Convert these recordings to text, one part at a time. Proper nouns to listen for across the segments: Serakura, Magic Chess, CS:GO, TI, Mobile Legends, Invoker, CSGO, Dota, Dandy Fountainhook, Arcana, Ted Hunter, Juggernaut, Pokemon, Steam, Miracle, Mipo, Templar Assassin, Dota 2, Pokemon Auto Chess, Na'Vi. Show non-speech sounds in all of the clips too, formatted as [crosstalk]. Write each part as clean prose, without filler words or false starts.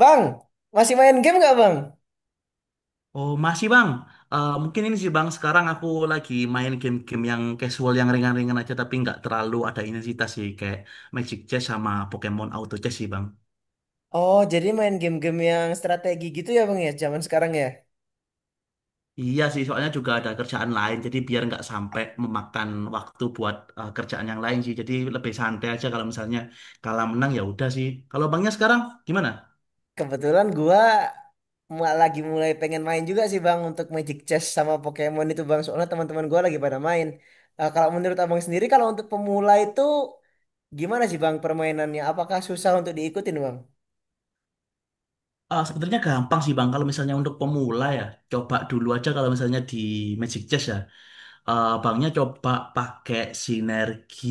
Bang, masih main game nggak bang? Oh, masih Bang. Mungkin ini sih Bang, sekarang aku lagi main game-game yang casual, yang ringan-ringan aja, tapi nggak terlalu ada intensitas sih, kayak Magic Chess sama Pokemon Auto Chess sih Bang. Oh, jadi main game-game yang strategi gitu ya bang ya, zaman sekarang ya. Iya sih, soalnya juga ada kerjaan lain, jadi biar nggak sampai memakan waktu buat kerjaan yang lain sih. Jadi lebih santai aja kalau misalnya kalah menang ya udah sih. Kalau Bangnya sekarang gimana? Kebetulan gua lagi mulai pengen main juga sih bang untuk Magic Chess sama Pokemon itu bang. Soalnya teman-teman gua lagi pada main. Kalau menurut abang sendiri, kalau untuk pemula itu gimana sih bang permainannya? Apakah susah untuk diikutin bang? Sebenarnya gampang sih Bang, kalau misalnya untuk pemula ya, coba dulu aja kalau misalnya di Magic Chess ya. Banknya coba pakai sinergi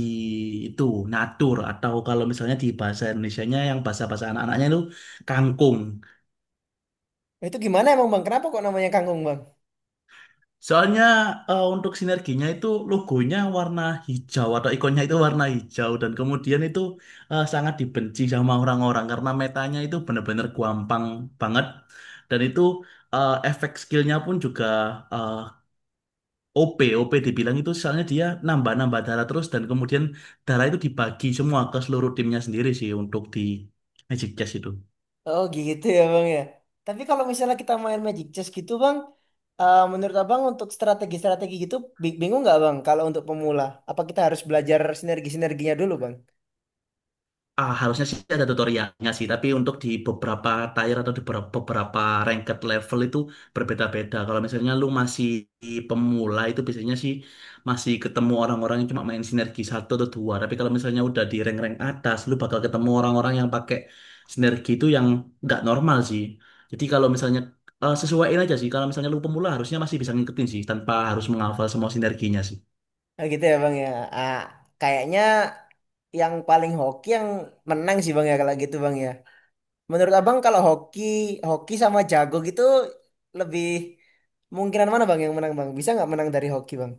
itu natur atau kalau misalnya di bahasa Indonesianya yang bahasa-bahasa anak-anaknya itu kangkung. Itu gimana emang bang? Kenapa kok namanya kangkung bang? Soalnya untuk sinerginya itu logonya warna hijau atau ikonnya itu warna hijau dan kemudian itu sangat dibenci sama orang-orang karena metanya itu benar-benar gampang banget dan itu efek skillnya pun juga eh, OP, OP dibilang itu soalnya dia nambah-nambah darah terus dan kemudian darah itu dibagi semua ke seluruh timnya sendiri sih untuk di Magic Chess itu. Oh gitu ya bang ya. Tapi kalau misalnya kita main Magic Chess gitu bang, menurut abang untuk strategi-strategi gitu bingung nggak bang? Kalau untuk pemula, apa kita harus belajar sinergi-sinerginya dulu bang? Harusnya sih ada tutorialnya sih, tapi untuk di beberapa tier atau di beberapa ranked level itu berbeda-beda. Kalau misalnya lu masih pemula itu biasanya sih masih ketemu orang-orang yang cuma main sinergi satu atau dua. Tapi kalau misalnya udah di rank-rank atas, lu bakal ketemu orang-orang yang pakai sinergi itu yang nggak normal sih. Jadi kalau misalnya sesuaiin aja sih, kalau misalnya lu pemula harusnya masih bisa ngikutin sih tanpa harus menghafal semua sinerginya sih. Nah, gitu ya bang ya. Ah, Kayaknya yang paling hoki yang menang sih bang ya kalau gitu bang ya. Menurut abang kalau hoki, hoki sama jago gitu lebih mungkinan mana bang yang menang bang? Bisa nggak menang dari hoki bang?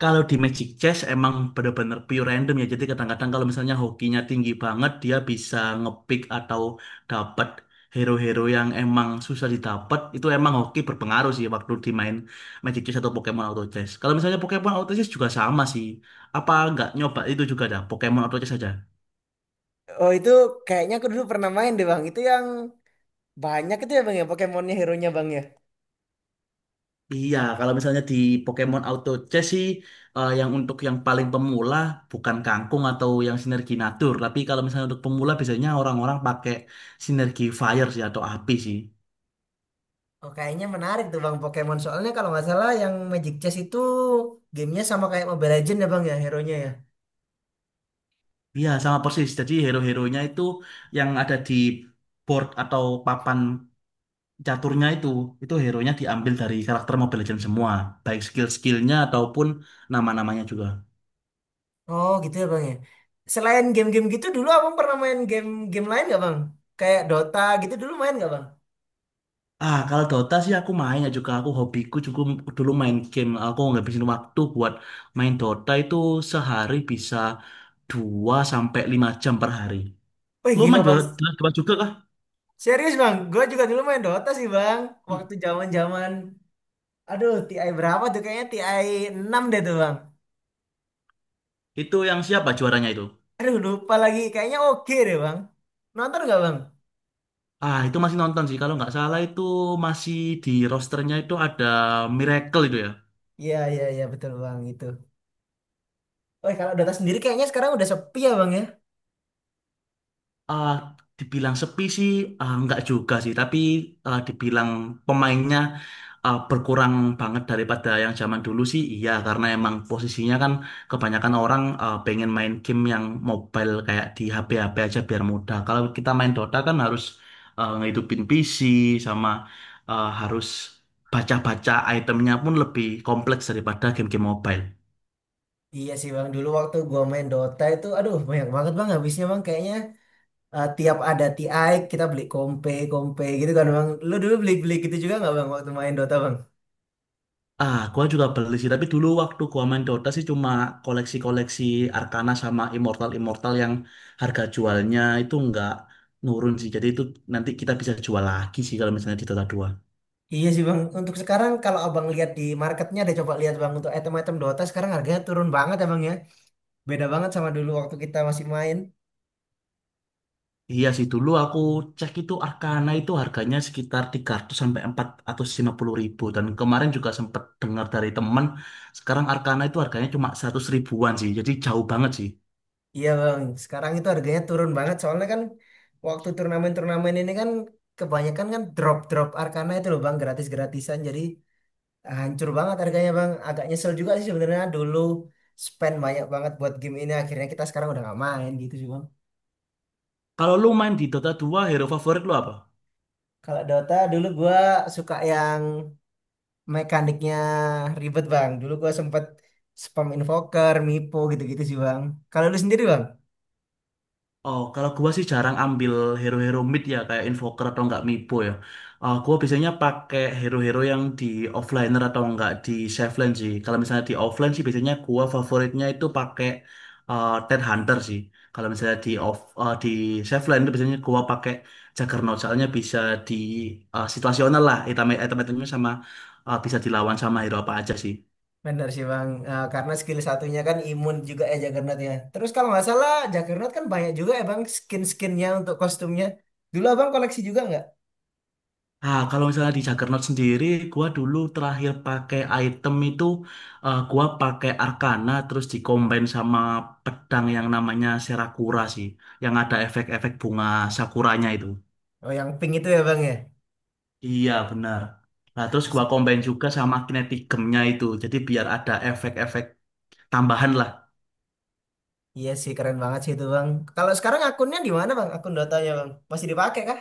Kalau di Magic Chess emang bener-bener pure random ya. Jadi kadang-kadang kalau misalnya hokinya tinggi banget, dia bisa ngepick atau dapat hero-hero yang emang susah didapat. Itu emang hoki berpengaruh sih waktu dimain Magic Chess atau Pokemon Auto Chess. Kalau misalnya Pokemon Auto Chess juga sama sih. Apa nggak nyoba itu juga dah, Pokemon Auto Chess aja. Oh itu kayaknya aku dulu pernah main deh bang. Itu yang banyak itu ya bang ya Pokemon-nya hero-nya bang ya. Iya, kalau misalnya di Pokemon Auto Chess sih yang untuk yang paling pemula bukan Kangkung atau yang Sinergi Natur, tapi kalau misalnya untuk pemula biasanya orang-orang pakai Sinergi Fire sih atau api sih. Oh, kayaknya menarik tuh Bang Pokemon. Soalnya kalau nggak salah yang Magic Chess itu gamenya sama kayak Mobile Legends ya Bang ya, hero-nya ya. Iya, sama persis. Jadi hero-heronya itu yang ada di board atau papan caturnya itu hero-nya diambil dari karakter Mobile Legends semua, baik skill-skillnya ataupun nama-namanya juga. Oh gitu ya Bang ya. Selain game-game gitu dulu abang pernah main game-game lain nggak Bang? Kayak Dota gitu dulu main nggak Bang? Kalau Dota sih aku main ya juga aku hobiku juga dulu main game. Aku ngabisin waktu buat main Dota itu sehari bisa 2 sampai 5 jam per hari. Wih Lu main gila Bang. Dota Dota juga kah? Serius Bang, gue juga dulu main Dota sih Bang. Waktu zaman zaman aduh TI berapa tuh kayaknya TI 6 deh tuh Bang. Itu yang siapa juaranya itu? Aduh lupa lagi, kayaknya oke deh Bang. Nonton nggak Bang? Itu masih nonton sih. Kalau nggak salah itu masih di rosternya itu ada Miracle itu ya. Iya, iya, iya, betul Bang itu. Wih kalau Dota sendiri kayaknya sekarang udah sepi ya Bang ya. Ah, dibilang sepi sih nggak juga sih, tapi dibilang pemainnya berkurang banget daripada yang zaman dulu sih, iya karena emang posisinya kan kebanyakan orang pengen main game yang mobile kayak di HP-HP aja biar mudah. Kalau kita main Dota kan harus ngehidupin PC sama harus baca-baca itemnya pun lebih kompleks daripada game-game mobile. Iya sih bang, dulu waktu gua main Dota itu, aduh banyak banget bang habisnya bang kayaknya tiap ada TI kita beli kompe gitu kan bang. Lu dulu beli-beli gitu juga nggak bang waktu main Dota bang? Gua juga beli sih, tapi dulu waktu gua main Dota sih cuma koleksi-koleksi Arcana sama Immortal-Immortal yang harga jualnya itu nggak nurun sih. Jadi itu nanti kita bisa jual lagi sih kalau misalnya di Dota 2. Iya sih bang, untuk sekarang kalau abang lihat di marketnya deh coba lihat bang untuk item-item Dota sekarang harganya turun banget ya bang ya. Beda banget sama dulu waktu kita masih main. Iya sih, dulu aku cek itu Arcana itu harganya sekitar 300 sampai 450.000. Dan kemarin juga sempat dengar dari temen, sekarang Arcana itu harganya cuma 100.000-an sih. Jadi jauh banget sih. Iya bang, sekarang itu harganya turun banget soalnya kan waktu turnamen-turnamen ini kan kebanyakan kan drop-drop Arcana itu loh bang gratis-gratisan jadi hancur banget harganya bang agak nyesel juga sih sebenarnya dulu spend banyak banget buat game ini akhirnya kita sekarang udah nggak main gitu sih bang. Kalau lu main di Dota 2 hero favorit lu apa? Kalau Dota dulu gua suka yang mekaniknya ribet bang, dulu gua sempet spam invoker mipo gitu-gitu sih bang. Kalau lu sendiri bang? Oh, kalau gua sih jarang ambil hero-hero mid ya kayak invoker atau enggak mipo ya. Gua biasanya pakai hero-hero yang di offliner atau enggak di safe lane sih. Kalau misalnya di offline sih biasanya gua favoritnya itu pakai Ted Hunter sih. Kalau misalnya di di safe lane itu biasanya gua pakai Juggernaut soalnya bisa di situasional lah. Item-itemnya sama bisa dilawan sama hero apa aja sih. Bener sih bang. Karena skill satunya kan imun juga ya Juggernaut ya, terus kalau nggak salah Juggernaut kan banyak juga ya bang skin-skinnya untuk kostumnya. Dulu abang koleksi juga nggak? Nah, kalau misalnya di Juggernaut sendiri, gua dulu terakhir pakai item itu, gua pakai Arcana terus dikombin sama pedang yang namanya Serakura sih, yang ada efek-efek bunga sakuranya itu. Oh yang pink itu ya bang Iya, benar. Nah, terus ya. gua combine juga sama kinetic gemnya itu, jadi biar ada efek-efek tambahan lah. Iya sih keren banget sih itu bang. Kalau sekarang akunnya di mana bang? Akun Dotanya bang masih dipakai kah?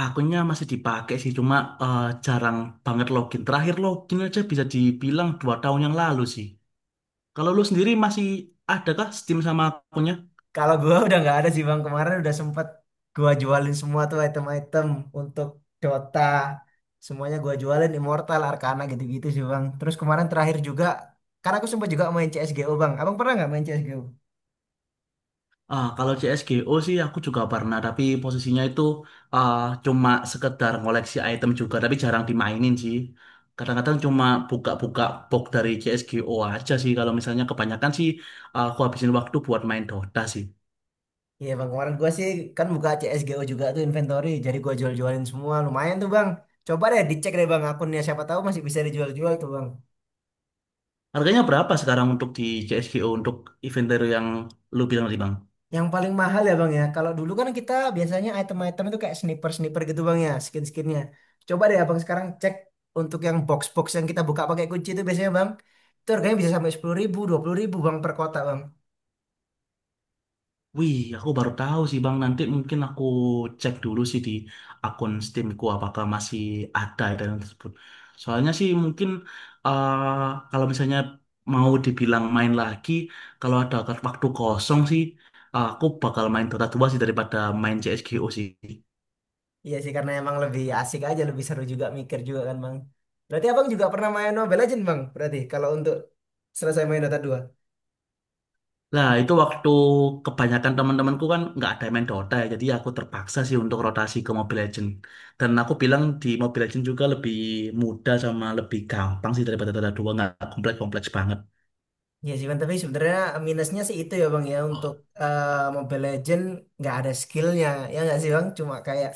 Akunnya masih dipakai sih, cuma jarang banget login. Terakhir login aja bisa dibilang 2 tahun yang lalu sih. Kalau lu sendiri masih adakah Steam sama akunnya? Kalau gua [laughs] udah nggak ada sih bang. Kemarin udah sempet gua jualin semua tuh item-item untuk Dota. Semuanya gua jualin Immortal, Arcana gitu-gitu sih bang. Terus kemarin terakhir juga, karena aku sempet juga main CS:GO bang. Abang pernah nggak main CS:GO? Kalau CSGO sih aku juga pernah, tapi posisinya itu ah, cuma sekedar ngoleksi item juga, tapi jarang dimainin sih. Kadang-kadang cuma buka-buka box dari CSGO aja sih. Kalau misalnya kebanyakan sih aku habisin waktu buat main Dota sih. Iya bang. Kemarin gua sih kan buka CS:GO juga tuh inventory. Jadi gua jual-jualin semua. Lumayan tuh bang. Coba deh dicek deh bang akunnya. Siapa tahu masih bisa dijual-jual tuh bang. Harganya berapa sekarang untuk di CSGO untuk inventory yang lu bilang tadi, Bang? Yang paling mahal ya bang ya. Kalau dulu kan kita biasanya item-item itu kayak sniper-sniper gitu bang ya, skin-skinnya. Coba deh abang sekarang cek untuk yang box-box yang kita buka pakai kunci itu biasanya bang, itu harganya bisa sampai 10.000, 20.000 bang per kotak bang. Wih, aku baru tahu sih Bang. Nanti mungkin aku cek dulu sih di akun Steamku apakah masih ada item tersebut. Soalnya sih mungkin eh, kalau misalnya mau dibilang main lagi, kalau ada waktu kosong sih, aku bakal main Dota 2 sih daripada main CSGO sih. Iya sih karena emang lebih asik aja, lebih seru juga mikir juga kan bang. Berarti abang juga pernah main Mobile Legends bang? Berarti kalau untuk selesai main Dota dua. Nah, itu waktu kebanyakan teman-temanku kan nggak ada yang main Dota ya, jadi aku terpaksa sih untuk rotasi ke Mobile Legends. Dan aku bilang di Mobile Legends juga lebih mudah sama lebih gampang sih daripada Dota 2, nggak kompleks-kompleks banget. Iya sih, Bang. Tapi sebenarnya minusnya sih itu ya Bang ya untuk eh, Mobile Legend nggak ada skillnya ya nggak sih Bang, cuma kayak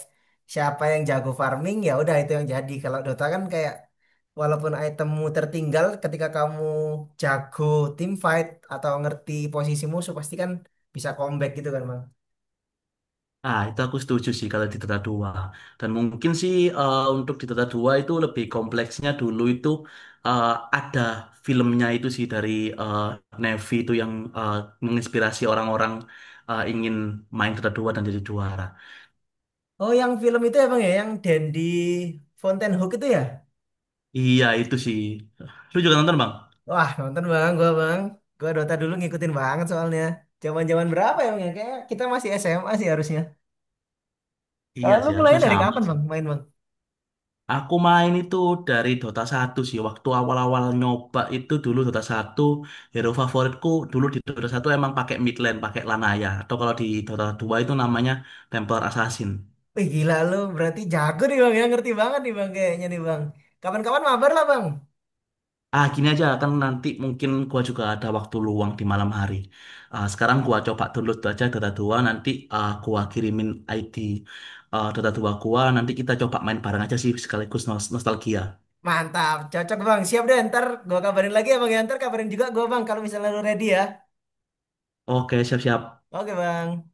siapa yang jago farming ya udah itu yang jadi. Kalau Dota kan kayak walaupun itemmu tertinggal ketika kamu jago team fight atau ngerti posisi musuh pasti kan bisa comeback gitu kan Bang. Itu aku setuju sih kalau di Dota 2. Dan mungkin sih untuk di Dota 2 itu lebih kompleksnya dulu itu eh, ada filmnya itu sih dari eh, Na'Vi itu yang eh, menginspirasi orang-orang ingin main Dota 2 dan jadi juara. Oh yang film itu ya Bang ya yang Dandy Fountainhook itu ya. Iya itu sih. Lu juga nonton bang? Wah nonton Bang gua Bang, gua Dota dulu ngikutin banget soalnya. Jaman-jaman berapa ya Bang ya? Kayak kita masih SMA sih harusnya. Ah, Iya lu sih mulai harusnya dari sama kapan sih. bang main bang? Aku main itu dari Dota 1 sih. Waktu awal-awal nyoba itu dulu Dota 1 hero favoritku dulu di Dota 1 emang pakai mid lane, pakai Lanaya. Atau kalau di Dota 2 itu namanya Templar Assassin. Wih gila lu berarti jago nih bang ya, ngerti banget nih bang kayaknya nih bang. Kapan-kapan mabar lah bang. Gini aja kan nanti mungkin gua juga ada waktu luang di malam hari. Sekarang gua coba download aja Dota 2. Nanti gua kirimin ID Dota 2 gua nanti kita coba main bareng aja sih sekaligus nostalgia. Mantap, cocok bang. Siap deh ntar gua kabarin lagi ya bang ya. Ntar kabarin juga gua bang kalau misalnya lu ready ya. Oke, siap-siap. Oke bang.